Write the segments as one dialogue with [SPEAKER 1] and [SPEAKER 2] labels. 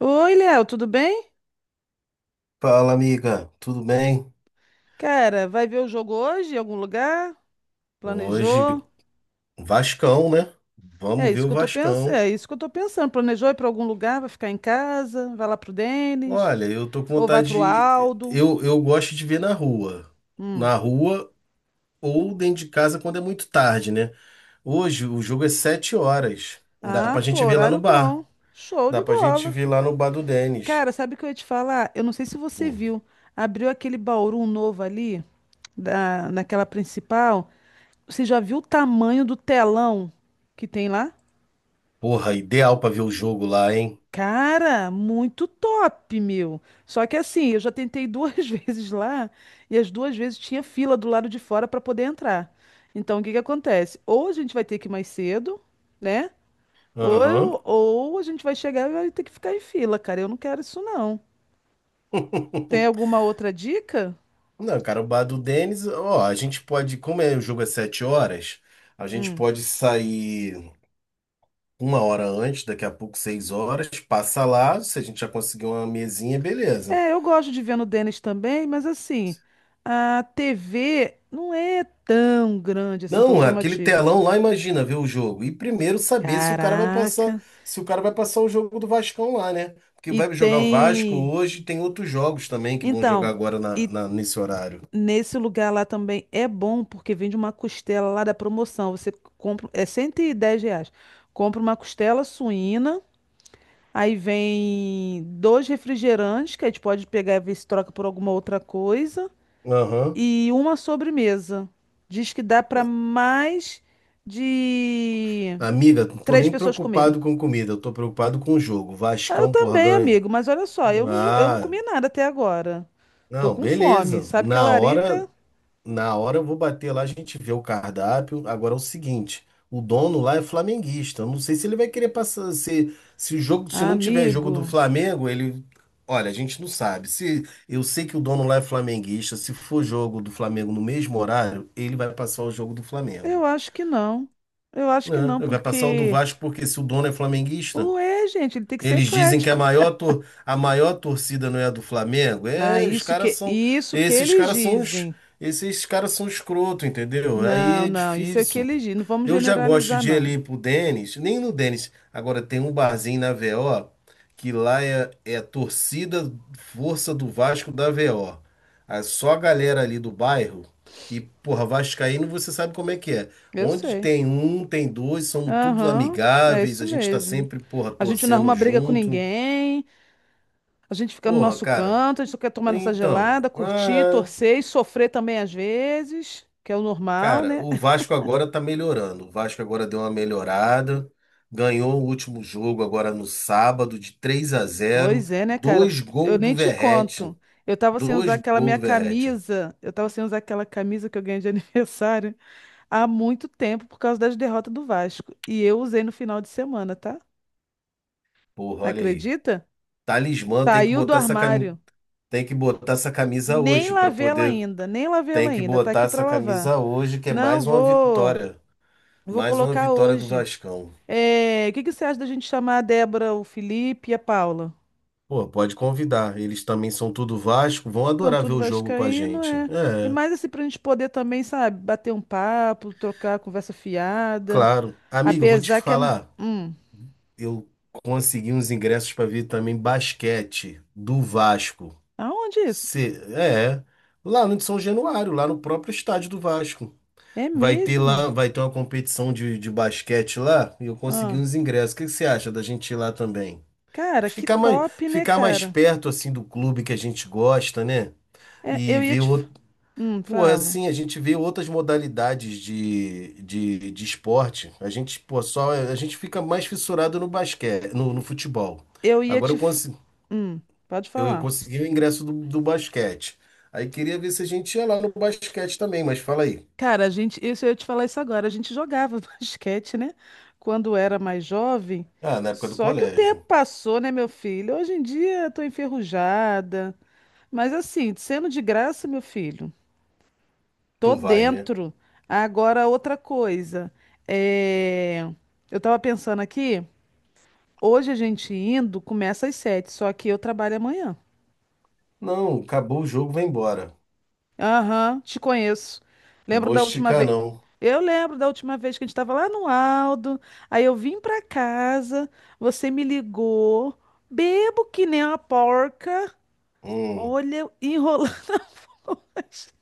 [SPEAKER 1] Oi, Léo, tudo bem?
[SPEAKER 2] Fala, amiga, tudo bem?
[SPEAKER 1] Cara, vai ver o jogo hoje em algum lugar?
[SPEAKER 2] Hoje,
[SPEAKER 1] Planejou?
[SPEAKER 2] Vascão, né?
[SPEAKER 1] É
[SPEAKER 2] Vamos ver
[SPEAKER 1] isso
[SPEAKER 2] o
[SPEAKER 1] que eu tô pensando,
[SPEAKER 2] Vascão.
[SPEAKER 1] é isso que eu tô pensando. Planejou ir para algum lugar, vai ficar em casa, vai lá pro Denis
[SPEAKER 2] Olha, eu tô com
[SPEAKER 1] ou vai pro
[SPEAKER 2] vontade de.
[SPEAKER 1] Aldo?
[SPEAKER 2] Eu gosto de ver na rua.
[SPEAKER 1] Hum.
[SPEAKER 2] Na rua ou dentro de casa quando é muito tarde, né? Hoje o jogo é 7h. Dá
[SPEAKER 1] Ah,
[SPEAKER 2] pra
[SPEAKER 1] pô,
[SPEAKER 2] gente ver lá no
[SPEAKER 1] horário bom.
[SPEAKER 2] bar.
[SPEAKER 1] Show
[SPEAKER 2] Dá
[SPEAKER 1] de
[SPEAKER 2] pra gente
[SPEAKER 1] bola.
[SPEAKER 2] ver lá no bar do Denis.
[SPEAKER 1] Cara, sabe o que eu ia te falar? Eu não sei se você
[SPEAKER 2] Hum.
[SPEAKER 1] viu, abriu aquele Bauru novo ali da naquela principal. Você já viu o tamanho do telão que tem lá?
[SPEAKER 2] Porra, ideal pra ver o jogo lá, hein?
[SPEAKER 1] Cara, muito top, meu. Só que assim, eu já tentei duas vezes lá e as duas vezes tinha fila do lado de fora para poder entrar. Então, o que que acontece? Ou a gente vai ter que ir mais cedo, né? Ou,
[SPEAKER 2] Aham.
[SPEAKER 1] ou a gente vai chegar e vai ter que ficar em fila, cara. Eu não quero isso, não. Tem alguma outra dica?
[SPEAKER 2] Não, cara, o bar do Denis, ó, a gente pode, como é, o jogo é 7h, a gente
[SPEAKER 1] Hum.
[SPEAKER 2] pode sair. Uma hora antes, daqui a pouco, 6h, passa lá. Se a gente já conseguir uma mesinha, beleza.
[SPEAKER 1] É, eu gosto de ver no Denis também, mas assim, a TV não é tão grande assim, tão
[SPEAKER 2] Não, aquele
[SPEAKER 1] chamativa.
[SPEAKER 2] telão lá, imagina ver o jogo. E primeiro saber se o cara vai
[SPEAKER 1] Caraca.
[SPEAKER 2] passar, se o cara vai passar o jogo do Vascão lá, né? Porque
[SPEAKER 1] E
[SPEAKER 2] vai jogar o Vasco
[SPEAKER 1] tem.
[SPEAKER 2] hoje, tem outros jogos também que vão jogar
[SPEAKER 1] Então,
[SPEAKER 2] agora
[SPEAKER 1] e
[SPEAKER 2] nesse horário.
[SPEAKER 1] nesse lugar lá também é bom porque vende uma costela lá da promoção. Você compra, é R$ 110. Compra uma costela suína, aí vem dois refrigerantes, que a gente pode pegar e ver se troca por alguma outra coisa,
[SPEAKER 2] Aham.
[SPEAKER 1] e uma sobremesa. Diz que dá para mais de
[SPEAKER 2] Amiga, não tô
[SPEAKER 1] três
[SPEAKER 2] nem
[SPEAKER 1] pessoas comerem.
[SPEAKER 2] preocupado com comida, eu tô preocupado com o jogo.
[SPEAKER 1] Ah, eu
[SPEAKER 2] Vascão, porra,
[SPEAKER 1] também,
[SPEAKER 2] ganha.
[SPEAKER 1] amigo, mas olha só, eu não
[SPEAKER 2] Ah,
[SPEAKER 1] comi nada até agora. Tô
[SPEAKER 2] não,
[SPEAKER 1] com fome.
[SPEAKER 2] beleza.
[SPEAKER 1] Sabe que a
[SPEAKER 2] Na hora,
[SPEAKER 1] larica.
[SPEAKER 2] Na hora eu vou bater lá, a gente vê o cardápio. Agora é o seguinte, o dono lá é flamenguista. Eu não sei se ele vai querer passar se o jogo, se
[SPEAKER 1] Ah,
[SPEAKER 2] não tiver jogo do
[SPEAKER 1] amigo.
[SPEAKER 2] Flamengo, ele, olha, a gente não sabe. Se eu sei que o dono lá é flamenguista, se for jogo do Flamengo no mesmo horário, ele vai passar o jogo do Flamengo,
[SPEAKER 1] Eu acho que não. Eu acho que
[SPEAKER 2] né?
[SPEAKER 1] não,
[SPEAKER 2] Ele vai passar o do
[SPEAKER 1] porque
[SPEAKER 2] Vasco porque se o dono é flamenguista,
[SPEAKER 1] ué, gente, ele tem que ser
[SPEAKER 2] eles dizem que
[SPEAKER 1] eclético.
[SPEAKER 2] a maior torcida não é a do Flamengo.
[SPEAKER 1] Ah,
[SPEAKER 2] É, os
[SPEAKER 1] isso
[SPEAKER 2] caras
[SPEAKER 1] que
[SPEAKER 2] são.
[SPEAKER 1] isso que
[SPEAKER 2] Esses
[SPEAKER 1] eles
[SPEAKER 2] caras são os.
[SPEAKER 1] dizem.
[SPEAKER 2] Esses caras são escroto, entendeu? Aí
[SPEAKER 1] Não,
[SPEAKER 2] é
[SPEAKER 1] não, isso é o que
[SPEAKER 2] difícil.
[SPEAKER 1] eles dizem. Não vamos
[SPEAKER 2] Eu já gosto
[SPEAKER 1] generalizar,
[SPEAKER 2] de ir
[SPEAKER 1] não.
[SPEAKER 2] ali pro Denis, nem no Denis. Agora tem um barzinho na VO que lá é a torcida Força do Vasco da VO. É só a galera ali do bairro. E, porra, Vascaíno, você sabe como é que é.
[SPEAKER 1] Eu
[SPEAKER 2] Onde
[SPEAKER 1] sei.
[SPEAKER 2] tem um, tem dois, somos todos
[SPEAKER 1] Aham, é
[SPEAKER 2] amigáveis,
[SPEAKER 1] isso
[SPEAKER 2] a gente tá
[SPEAKER 1] mesmo.
[SPEAKER 2] sempre, porra,
[SPEAKER 1] A gente não
[SPEAKER 2] torcendo
[SPEAKER 1] arruma briga com
[SPEAKER 2] junto.
[SPEAKER 1] ninguém, a gente fica no
[SPEAKER 2] Porra,
[SPEAKER 1] nosso
[SPEAKER 2] cara,
[SPEAKER 1] canto, a gente só quer tomar nossa
[SPEAKER 2] então.
[SPEAKER 1] gelada, curtir, torcer e sofrer também às vezes, que é o normal,
[SPEAKER 2] Cara,
[SPEAKER 1] né?
[SPEAKER 2] o Vasco agora tá melhorando. O Vasco agora deu uma melhorada. Ganhou o último jogo agora no sábado de 3 a 0,
[SPEAKER 1] Pois é, né, cara?
[SPEAKER 2] dois
[SPEAKER 1] Eu
[SPEAKER 2] gols
[SPEAKER 1] nem
[SPEAKER 2] do
[SPEAKER 1] te
[SPEAKER 2] Verratti,
[SPEAKER 1] conto. Eu tava sem usar
[SPEAKER 2] dois
[SPEAKER 1] aquela
[SPEAKER 2] gols
[SPEAKER 1] minha
[SPEAKER 2] do Verratti.
[SPEAKER 1] camisa. Eu tava sem usar aquela camisa que eu ganhei de aniversário há muito tempo por causa das derrotas do Vasco. E eu usei no final de semana, tá?
[SPEAKER 2] Porra, olha aí.
[SPEAKER 1] Acredita?
[SPEAKER 2] Talismã tem que
[SPEAKER 1] Saiu do
[SPEAKER 2] botar essa camisa,
[SPEAKER 1] armário.
[SPEAKER 2] tem que botar essa camisa
[SPEAKER 1] Nem
[SPEAKER 2] hoje para
[SPEAKER 1] lavei ela
[SPEAKER 2] poder,
[SPEAKER 1] ainda, nem lavei ela
[SPEAKER 2] tem que
[SPEAKER 1] ainda. Tá
[SPEAKER 2] botar
[SPEAKER 1] aqui pra
[SPEAKER 2] essa
[SPEAKER 1] lavar.
[SPEAKER 2] camisa hoje que é
[SPEAKER 1] Não, vou, vou
[SPEAKER 2] mais uma
[SPEAKER 1] colocar
[SPEAKER 2] vitória do
[SPEAKER 1] hoje.
[SPEAKER 2] Vascão.
[SPEAKER 1] É, o que que você acha da gente chamar a Débora, o Felipe e a Paula?
[SPEAKER 2] Pô, pode convidar. Eles também são tudo Vasco, vão
[SPEAKER 1] Então,
[SPEAKER 2] adorar ver
[SPEAKER 1] tudo
[SPEAKER 2] o jogo com a
[SPEAKER 1] vascaíno,
[SPEAKER 2] gente.
[SPEAKER 1] é. E
[SPEAKER 2] É.
[SPEAKER 1] mais assim, pra gente poder também, sabe, bater um papo, trocar conversa fiada.
[SPEAKER 2] Claro. Amigo, eu vou te
[SPEAKER 1] Apesar que é.
[SPEAKER 2] falar.
[SPEAKER 1] Hum,
[SPEAKER 2] Eu consegui uns ingressos para ver também basquete do Vasco.
[SPEAKER 1] aonde isso?
[SPEAKER 2] Cê- é, Lá no São Januário, lá no próprio estádio do Vasco.
[SPEAKER 1] É
[SPEAKER 2] Vai ter
[SPEAKER 1] mesmo?
[SPEAKER 2] lá, vai ter uma competição de basquete lá e eu consegui
[SPEAKER 1] Ah,
[SPEAKER 2] uns ingressos. O que que você acha da gente ir lá também?
[SPEAKER 1] cara, que
[SPEAKER 2] Ficar mais,
[SPEAKER 1] top, né,
[SPEAKER 2] ficar mais
[SPEAKER 1] cara?
[SPEAKER 2] perto assim do clube que a gente gosta, né?
[SPEAKER 1] É,
[SPEAKER 2] E
[SPEAKER 1] eu ia
[SPEAKER 2] ver
[SPEAKER 1] te.
[SPEAKER 2] o- Pô,
[SPEAKER 1] Fala.
[SPEAKER 2] assim, a gente vê outras modalidades de esporte. A gente, pô, só, a gente fica mais fissurado no basquete, no futebol.
[SPEAKER 1] Eu ia
[SPEAKER 2] Agora
[SPEAKER 1] te.
[SPEAKER 2] eu, consi-
[SPEAKER 1] Hum, pode
[SPEAKER 2] eu, eu
[SPEAKER 1] falar.
[SPEAKER 2] consegui o ingresso do basquete. Aí queria ver se a gente ia lá no basquete também, mas fala aí.
[SPEAKER 1] Cara, a gente. Isso eu ia te falar isso agora. A gente jogava basquete, né? Quando era mais jovem.
[SPEAKER 2] Ah, na época do
[SPEAKER 1] Só que o tempo
[SPEAKER 2] colégio.
[SPEAKER 1] passou, né, meu filho? Hoje em dia eu tô enferrujada. Mas assim, sendo de graça, meu filho, tô
[SPEAKER 2] Tu vai, né?
[SPEAKER 1] dentro. Agora, outra coisa. É... Eu tava pensando aqui, hoje a gente indo começa às 7, só que eu trabalho amanhã.
[SPEAKER 2] Não, acabou o jogo, vai embora.
[SPEAKER 1] Aham, te conheço.
[SPEAKER 2] Não
[SPEAKER 1] Lembro
[SPEAKER 2] vou
[SPEAKER 1] da última
[SPEAKER 2] esticar,
[SPEAKER 1] vez.
[SPEAKER 2] não.
[SPEAKER 1] Eu lembro da última vez que a gente estava lá no Aldo. Aí eu vim pra casa, você me ligou, bebo que nem uma porca.
[SPEAKER 2] Hum.
[SPEAKER 1] Olha, enrolando.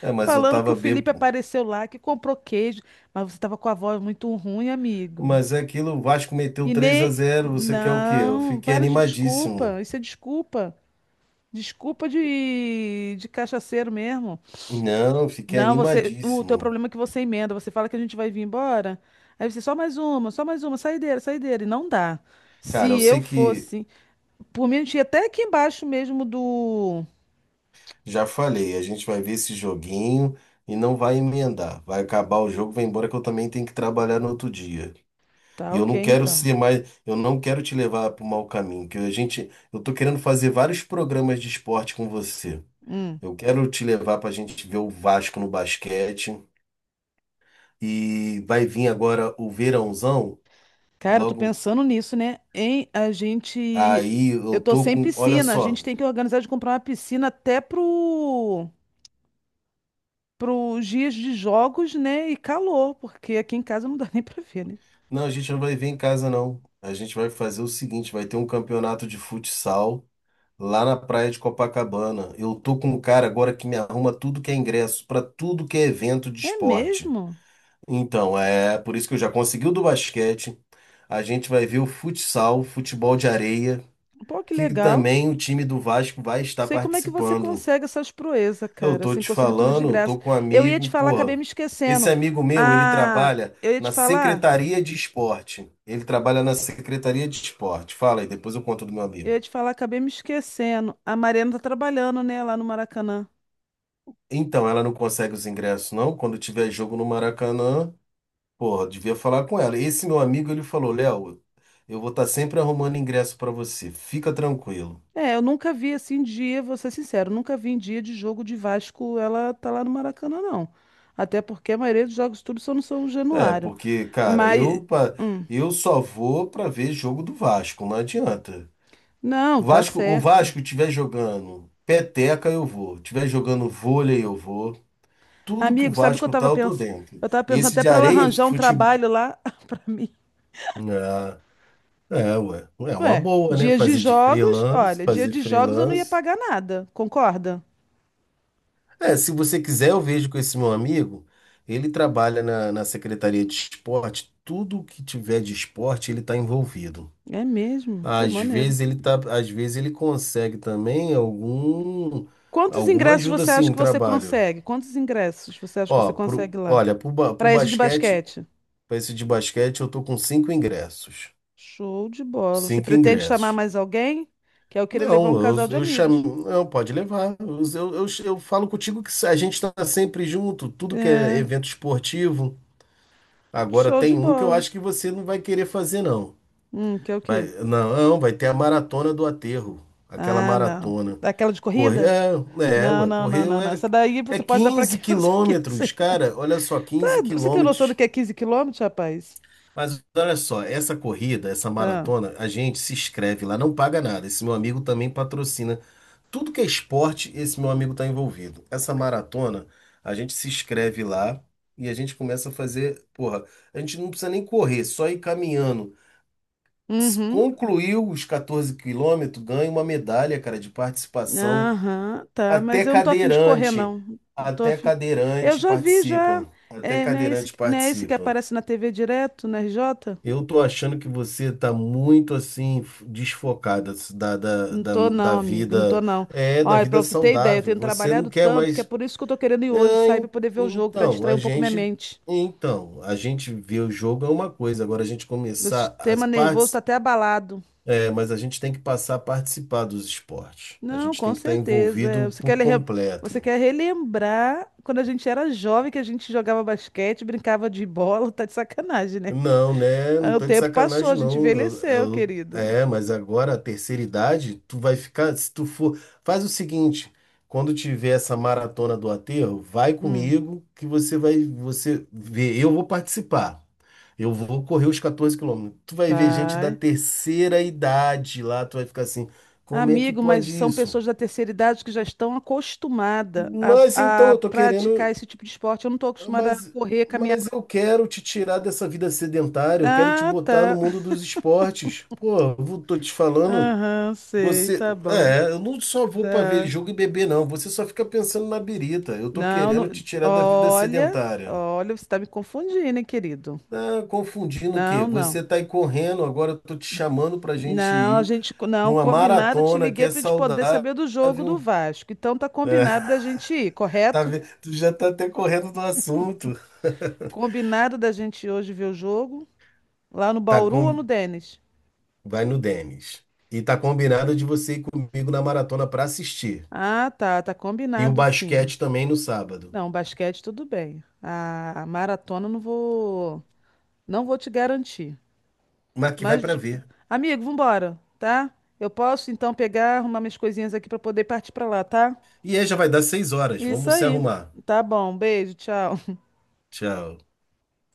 [SPEAKER 2] É, mas eu
[SPEAKER 1] Falando que o
[SPEAKER 2] tava
[SPEAKER 1] Felipe
[SPEAKER 2] bêbado.
[SPEAKER 1] apareceu lá, que comprou queijo, mas você tava com a voz muito ruim, amigo.
[SPEAKER 2] Mas é aquilo, o Vasco meteu
[SPEAKER 1] E
[SPEAKER 2] 3 a
[SPEAKER 1] nem.
[SPEAKER 2] zero você quer o quê? Eu
[SPEAKER 1] Não,
[SPEAKER 2] fiquei
[SPEAKER 1] para de
[SPEAKER 2] animadíssimo.
[SPEAKER 1] desculpa. Isso é desculpa. Desculpa de, cachaceiro mesmo.
[SPEAKER 2] Não, fiquei
[SPEAKER 1] Não, você. O teu
[SPEAKER 2] animadíssimo.
[SPEAKER 1] problema é que você emenda. Você fala que a gente vai vir embora. Aí você, só mais uma, saideira, saideira. E não dá.
[SPEAKER 2] Cara,
[SPEAKER 1] Se
[SPEAKER 2] eu
[SPEAKER 1] eu
[SPEAKER 2] sei que
[SPEAKER 1] fosse. Por mim, a gente ia até aqui embaixo mesmo do.
[SPEAKER 2] já falei, a gente vai ver esse joguinho e não vai emendar. Vai acabar o jogo, vai embora que eu também tenho que trabalhar no outro dia.
[SPEAKER 1] Tá,
[SPEAKER 2] E eu
[SPEAKER 1] ok,
[SPEAKER 2] não quero
[SPEAKER 1] então.
[SPEAKER 2] ser mais, eu não quero te levar para o mau caminho, que a gente, eu tô querendo fazer vários programas de esporte com você.
[SPEAKER 1] Hum.
[SPEAKER 2] Eu quero te levar para a gente ver o Vasco no basquete e vai vir agora o verãozão,
[SPEAKER 1] Cara, eu tô
[SPEAKER 2] logo
[SPEAKER 1] pensando nisso, né? Em a gente.
[SPEAKER 2] aí
[SPEAKER 1] Eu
[SPEAKER 2] eu
[SPEAKER 1] tô
[SPEAKER 2] tô
[SPEAKER 1] sem
[SPEAKER 2] com, olha
[SPEAKER 1] piscina. A
[SPEAKER 2] só.
[SPEAKER 1] gente tem que organizar de comprar uma piscina até pro... Pros dias de jogos, né? E calor, porque aqui em casa não dá nem pra ver, né?
[SPEAKER 2] Não, a gente não vai ver em casa, não. A gente vai fazer o seguinte: vai ter um campeonato de futsal lá na praia de Copacabana. Eu tô com um cara agora que me arruma tudo que é ingresso, pra tudo que é evento de
[SPEAKER 1] É
[SPEAKER 2] esporte.
[SPEAKER 1] mesmo?
[SPEAKER 2] Então, é por isso que eu já consegui o do basquete. A gente vai ver o futsal, futebol de areia,
[SPEAKER 1] Pô, que
[SPEAKER 2] que
[SPEAKER 1] legal.
[SPEAKER 2] também o time do Vasco vai estar
[SPEAKER 1] Sei como é que você
[SPEAKER 2] participando.
[SPEAKER 1] consegue essas proezas,
[SPEAKER 2] Eu
[SPEAKER 1] cara.
[SPEAKER 2] tô
[SPEAKER 1] Assim,
[SPEAKER 2] te
[SPEAKER 1] conseguir tudo de
[SPEAKER 2] falando,
[SPEAKER 1] graça.
[SPEAKER 2] tô com um
[SPEAKER 1] Eu ia te
[SPEAKER 2] amigo,
[SPEAKER 1] falar, acabei
[SPEAKER 2] porra.
[SPEAKER 1] me
[SPEAKER 2] Esse
[SPEAKER 1] esquecendo.
[SPEAKER 2] amigo meu, ele
[SPEAKER 1] Ah,
[SPEAKER 2] trabalha
[SPEAKER 1] eu ia te
[SPEAKER 2] na
[SPEAKER 1] falar.
[SPEAKER 2] Secretaria de Esporte. Ele trabalha na Secretaria de Esporte. Fala aí, depois eu conto do meu
[SPEAKER 1] Eu
[SPEAKER 2] amigo.
[SPEAKER 1] ia te falar, acabei me esquecendo. A Mariana tá trabalhando, né? Lá no Maracanã.
[SPEAKER 2] Então, ela não consegue os ingressos, não. Quando tiver jogo no Maracanã, porra, devia falar com ela. Esse meu amigo, ele falou, Léo, eu vou estar sempre arrumando ingresso pra você. Fica tranquilo.
[SPEAKER 1] É, eu nunca vi assim dia, vou ser sincero, nunca vi em dia de jogo de Vasco ela tá lá no Maracanã, não. Até porque a maioria dos jogos tudo só não são no São
[SPEAKER 2] É,
[SPEAKER 1] Januário.
[SPEAKER 2] porque, cara,
[SPEAKER 1] Mas,
[SPEAKER 2] eu só vou pra ver jogo do Vasco, não adianta.
[SPEAKER 1] não, tá
[SPEAKER 2] Vasco, o
[SPEAKER 1] certo.
[SPEAKER 2] Vasco tiver jogando peteca, eu vou. Tiver jogando vôlei, eu vou. Tudo que o
[SPEAKER 1] Amigo, sabe o que eu
[SPEAKER 2] Vasco tá,
[SPEAKER 1] tava
[SPEAKER 2] eu tô
[SPEAKER 1] pensando?
[SPEAKER 2] dentro.
[SPEAKER 1] Eu tava
[SPEAKER 2] E
[SPEAKER 1] pensando
[SPEAKER 2] esse
[SPEAKER 1] até
[SPEAKER 2] de
[SPEAKER 1] pra ela
[SPEAKER 2] areia, esse
[SPEAKER 1] arranjar um
[SPEAKER 2] futebol.
[SPEAKER 1] trabalho lá pra mim.
[SPEAKER 2] Ah, é, ué. É uma
[SPEAKER 1] Ué,
[SPEAKER 2] boa, né?
[SPEAKER 1] dias de
[SPEAKER 2] Fazer de
[SPEAKER 1] jogos,
[SPEAKER 2] freelance,
[SPEAKER 1] olha, dia
[SPEAKER 2] fazer
[SPEAKER 1] de jogos eu não ia
[SPEAKER 2] freelance.
[SPEAKER 1] pagar nada, concorda?
[SPEAKER 2] É, se você quiser, eu vejo com esse meu amigo. Ele trabalha na Secretaria de Esporte. Tudo que tiver de esporte, ele tá envolvido.
[SPEAKER 1] É mesmo? Pô,
[SPEAKER 2] Às
[SPEAKER 1] maneiro.
[SPEAKER 2] vezes ele tá, às vezes ele consegue também
[SPEAKER 1] Quantos
[SPEAKER 2] alguma
[SPEAKER 1] ingressos
[SPEAKER 2] ajuda
[SPEAKER 1] você
[SPEAKER 2] assim
[SPEAKER 1] acha
[SPEAKER 2] em
[SPEAKER 1] que você
[SPEAKER 2] trabalho.
[SPEAKER 1] consegue? Quantos ingressos você acha que você
[SPEAKER 2] Ó, pro,
[SPEAKER 1] consegue lá?
[SPEAKER 2] olha, pro
[SPEAKER 1] Pra esse de
[SPEAKER 2] basquete,
[SPEAKER 1] basquete?
[SPEAKER 2] pra esse de basquete, eu tô com cinco ingressos.
[SPEAKER 1] Show de bola. Você
[SPEAKER 2] Cinco
[SPEAKER 1] pretende chamar
[SPEAKER 2] ingressos.
[SPEAKER 1] mais alguém? Que eu queria levar
[SPEAKER 2] Não,
[SPEAKER 1] um
[SPEAKER 2] eu,
[SPEAKER 1] casal de
[SPEAKER 2] eu
[SPEAKER 1] amigos.
[SPEAKER 2] chamo. Não, pode levar. Eu falo contigo que a gente tá sempre junto, tudo que é
[SPEAKER 1] É,
[SPEAKER 2] evento esportivo. Agora
[SPEAKER 1] show de
[SPEAKER 2] tem um que eu
[SPEAKER 1] bola.
[SPEAKER 2] acho que você não vai querer fazer, não.
[SPEAKER 1] Que é o quê?
[SPEAKER 2] Não, não, vai ter a maratona do aterro. Aquela
[SPEAKER 1] Ah, não.
[SPEAKER 2] maratona.
[SPEAKER 1] Daquela de
[SPEAKER 2] Correr,
[SPEAKER 1] corrida?
[SPEAKER 2] é,
[SPEAKER 1] Não,
[SPEAKER 2] ué,
[SPEAKER 1] não, não,
[SPEAKER 2] correr
[SPEAKER 1] não, não. Essa daí
[SPEAKER 2] é
[SPEAKER 1] você pode dar pra
[SPEAKER 2] 15
[SPEAKER 1] quem você
[SPEAKER 2] quilômetros,
[SPEAKER 1] quiser.
[SPEAKER 2] cara. Olha só,
[SPEAKER 1] Tá,
[SPEAKER 2] quinze
[SPEAKER 1] você tem noção
[SPEAKER 2] quilômetros.
[SPEAKER 1] do que é 15 km, rapaz?
[SPEAKER 2] Mas olha só, essa corrida, essa
[SPEAKER 1] Ah.
[SPEAKER 2] maratona, a gente se inscreve lá, não paga nada. Esse meu amigo também patrocina. Tudo que é esporte, esse meu amigo está envolvido. Essa maratona, a gente se inscreve lá e a gente começa a fazer. Porra, a gente não precisa nem correr, só ir caminhando. Se
[SPEAKER 1] Uhum.
[SPEAKER 2] concluiu os 14 quilômetros, ganha uma medalha, cara, de participação.
[SPEAKER 1] Aham, tá.
[SPEAKER 2] Até
[SPEAKER 1] Mas eu não tô afim de correr,
[SPEAKER 2] cadeirante,
[SPEAKER 1] não. Não tô
[SPEAKER 2] até
[SPEAKER 1] afim. Eu
[SPEAKER 2] cadeirante
[SPEAKER 1] já vi, já.
[SPEAKER 2] participa. Até
[SPEAKER 1] É, não é esse,
[SPEAKER 2] cadeirante
[SPEAKER 1] não é esse que
[SPEAKER 2] participa.
[SPEAKER 1] aparece na TV direto, na RJ?
[SPEAKER 2] Eu tô achando que você tá muito assim desfocada da, da,
[SPEAKER 1] Não
[SPEAKER 2] da,
[SPEAKER 1] tô
[SPEAKER 2] da
[SPEAKER 1] não, amigo, não tô
[SPEAKER 2] vida,
[SPEAKER 1] não.
[SPEAKER 2] é, da
[SPEAKER 1] Olha, pra
[SPEAKER 2] vida
[SPEAKER 1] você ter ideia, eu
[SPEAKER 2] saudável.
[SPEAKER 1] tenho
[SPEAKER 2] Você não
[SPEAKER 1] trabalhado
[SPEAKER 2] quer
[SPEAKER 1] tanto que é
[SPEAKER 2] mais.
[SPEAKER 1] por isso que eu tô querendo ir hoje
[SPEAKER 2] É,
[SPEAKER 1] sair pra poder ver o jogo, pra
[SPEAKER 2] então,
[SPEAKER 1] distrair
[SPEAKER 2] a
[SPEAKER 1] um pouco minha
[SPEAKER 2] gente,
[SPEAKER 1] mente.
[SPEAKER 2] então, a gente vê o jogo é uma coisa. Agora a gente
[SPEAKER 1] Meu
[SPEAKER 2] começar as
[SPEAKER 1] sistema nervoso tá
[SPEAKER 2] partes,
[SPEAKER 1] até abalado.
[SPEAKER 2] é, mas a gente tem que passar a participar dos esportes. A
[SPEAKER 1] Não,
[SPEAKER 2] gente
[SPEAKER 1] com
[SPEAKER 2] tem que estar
[SPEAKER 1] certeza. É,
[SPEAKER 2] envolvido por
[SPEAKER 1] Você
[SPEAKER 2] completo.
[SPEAKER 1] quer relembrar quando a gente era jovem que a gente jogava basquete, brincava de bola, tá de sacanagem, né?
[SPEAKER 2] Não, né? Não
[SPEAKER 1] Ah, o
[SPEAKER 2] tô de
[SPEAKER 1] tempo passou, a
[SPEAKER 2] sacanagem,
[SPEAKER 1] gente
[SPEAKER 2] não.
[SPEAKER 1] envelheceu, querida.
[SPEAKER 2] É, mas agora a terceira idade, tu vai ficar. Se tu for. Faz o seguinte: quando tiver essa maratona do aterro, vai
[SPEAKER 1] Hum,
[SPEAKER 2] comigo que você vai. Você vê. Eu vou participar. Eu vou correr os 14 quilômetros. Tu vai ver gente da
[SPEAKER 1] vai.
[SPEAKER 2] terceira idade lá, tu vai ficar assim: como é que
[SPEAKER 1] Amigo, mas
[SPEAKER 2] pode
[SPEAKER 1] são
[SPEAKER 2] isso?
[SPEAKER 1] pessoas da terceira idade que já estão acostumadas
[SPEAKER 2] Mas
[SPEAKER 1] a,
[SPEAKER 2] então,
[SPEAKER 1] a
[SPEAKER 2] eu tô
[SPEAKER 1] praticar
[SPEAKER 2] querendo.
[SPEAKER 1] esse tipo de esporte. Eu não estou acostumada a
[SPEAKER 2] Mas,
[SPEAKER 1] correr, caminhar.
[SPEAKER 2] mas eu quero te tirar dessa vida sedentária, eu quero te
[SPEAKER 1] Ah,
[SPEAKER 2] botar no
[SPEAKER 1] tá.
[SPEAKER 2] mundo dos esportes. Pô, eu tô te falando,
[SPEAKER 1] Aham, sei,
[SPEAKER 2] você.
[SPEAKER 1] tá bom.
[SPEAKER 2] É, eu não só vou pra ver
[SPEAKER 1] Tá.
[SPEAKER 2] jogo e beber, não. Você só fica pensando na birita. Eu tô
[SPEAKER 1] Não,
[SPEAKER 2] querendo te tirar da vida
[SPEAKER 1] olha,
[SPEAKER 2] sedentária.
[SPEAKER 1] olha, você está me confundindo, hein, querido?
[SPEAKER 2] Ah, confundindo o quê?
[SPEAKER 1] Não, não.
[SPEAKER 2] Você tá aí correndo, agora eu tô te chamando pra gente
[SPEAKER 1] Não, a
[SPEAKER 2] ir
[SPEAKER 1] gente,
[SPEAKER 2] pra
[SPEAKER 1] não,
[SPEAKER 2] uma
[SPEAKER 1] combinado, eu te
[SPEAKER 2] maratona que
[SPEAKER 1] liguei
[SPEAKER 2] é
[SPEAKER 1] para a gente poder
[SPEAKER 2] saudável.
[SPEAKER 1] saber do jogo do Vasco. Então tá
[SPEAKER 2] É,
[SPEAKER 1] combinado da gente ir,
[SPEAKER 2] tá,
[SPEAKER 1] correto?
[SPEAKER 2] tu já tá até correndo do assunto.
[SPEAKER 1] Combinado da gente ir hoje ver o jogo lá no
[SPEAKER 2] Tá.
[SPEAKER 1] Bauru ou no Denis?
[SPEAKER 2] Vai no Denis. E tá combinado de você ir comigo na maratona pra assistir.
[SPEAKER 1] Ah, tá, tá
[SPEAKER 2] E o
[SPEAKER 1] combinado sim.
[SPEAKER 2] basquete também no sábado.
[SPEAKER 1] Não, basquete tudo bem. A maratona eu não vou, não vou te garantir.
[SPEAKER 2] Mas que vai
[SPEAKER 1] Mas,
[SPEAKER 2] pra ver.
[SPEAKER 1] amigo, vambora, tá? Eu posso então pegar, arrumar minhas coisinhas aqui pra poder partir pra lá, tá?
[SPEAKER 2] E aí já vai dar 6h.
[SPEAKER 1] Isso
[SPEAKER 2] Vamos se
[SPEAKER 1] aí.
[SPEAKER 2] arrumar.
[SPEAKER 1] Tá bom, beijo, tchau.
[SPEAKER 2] Tchau.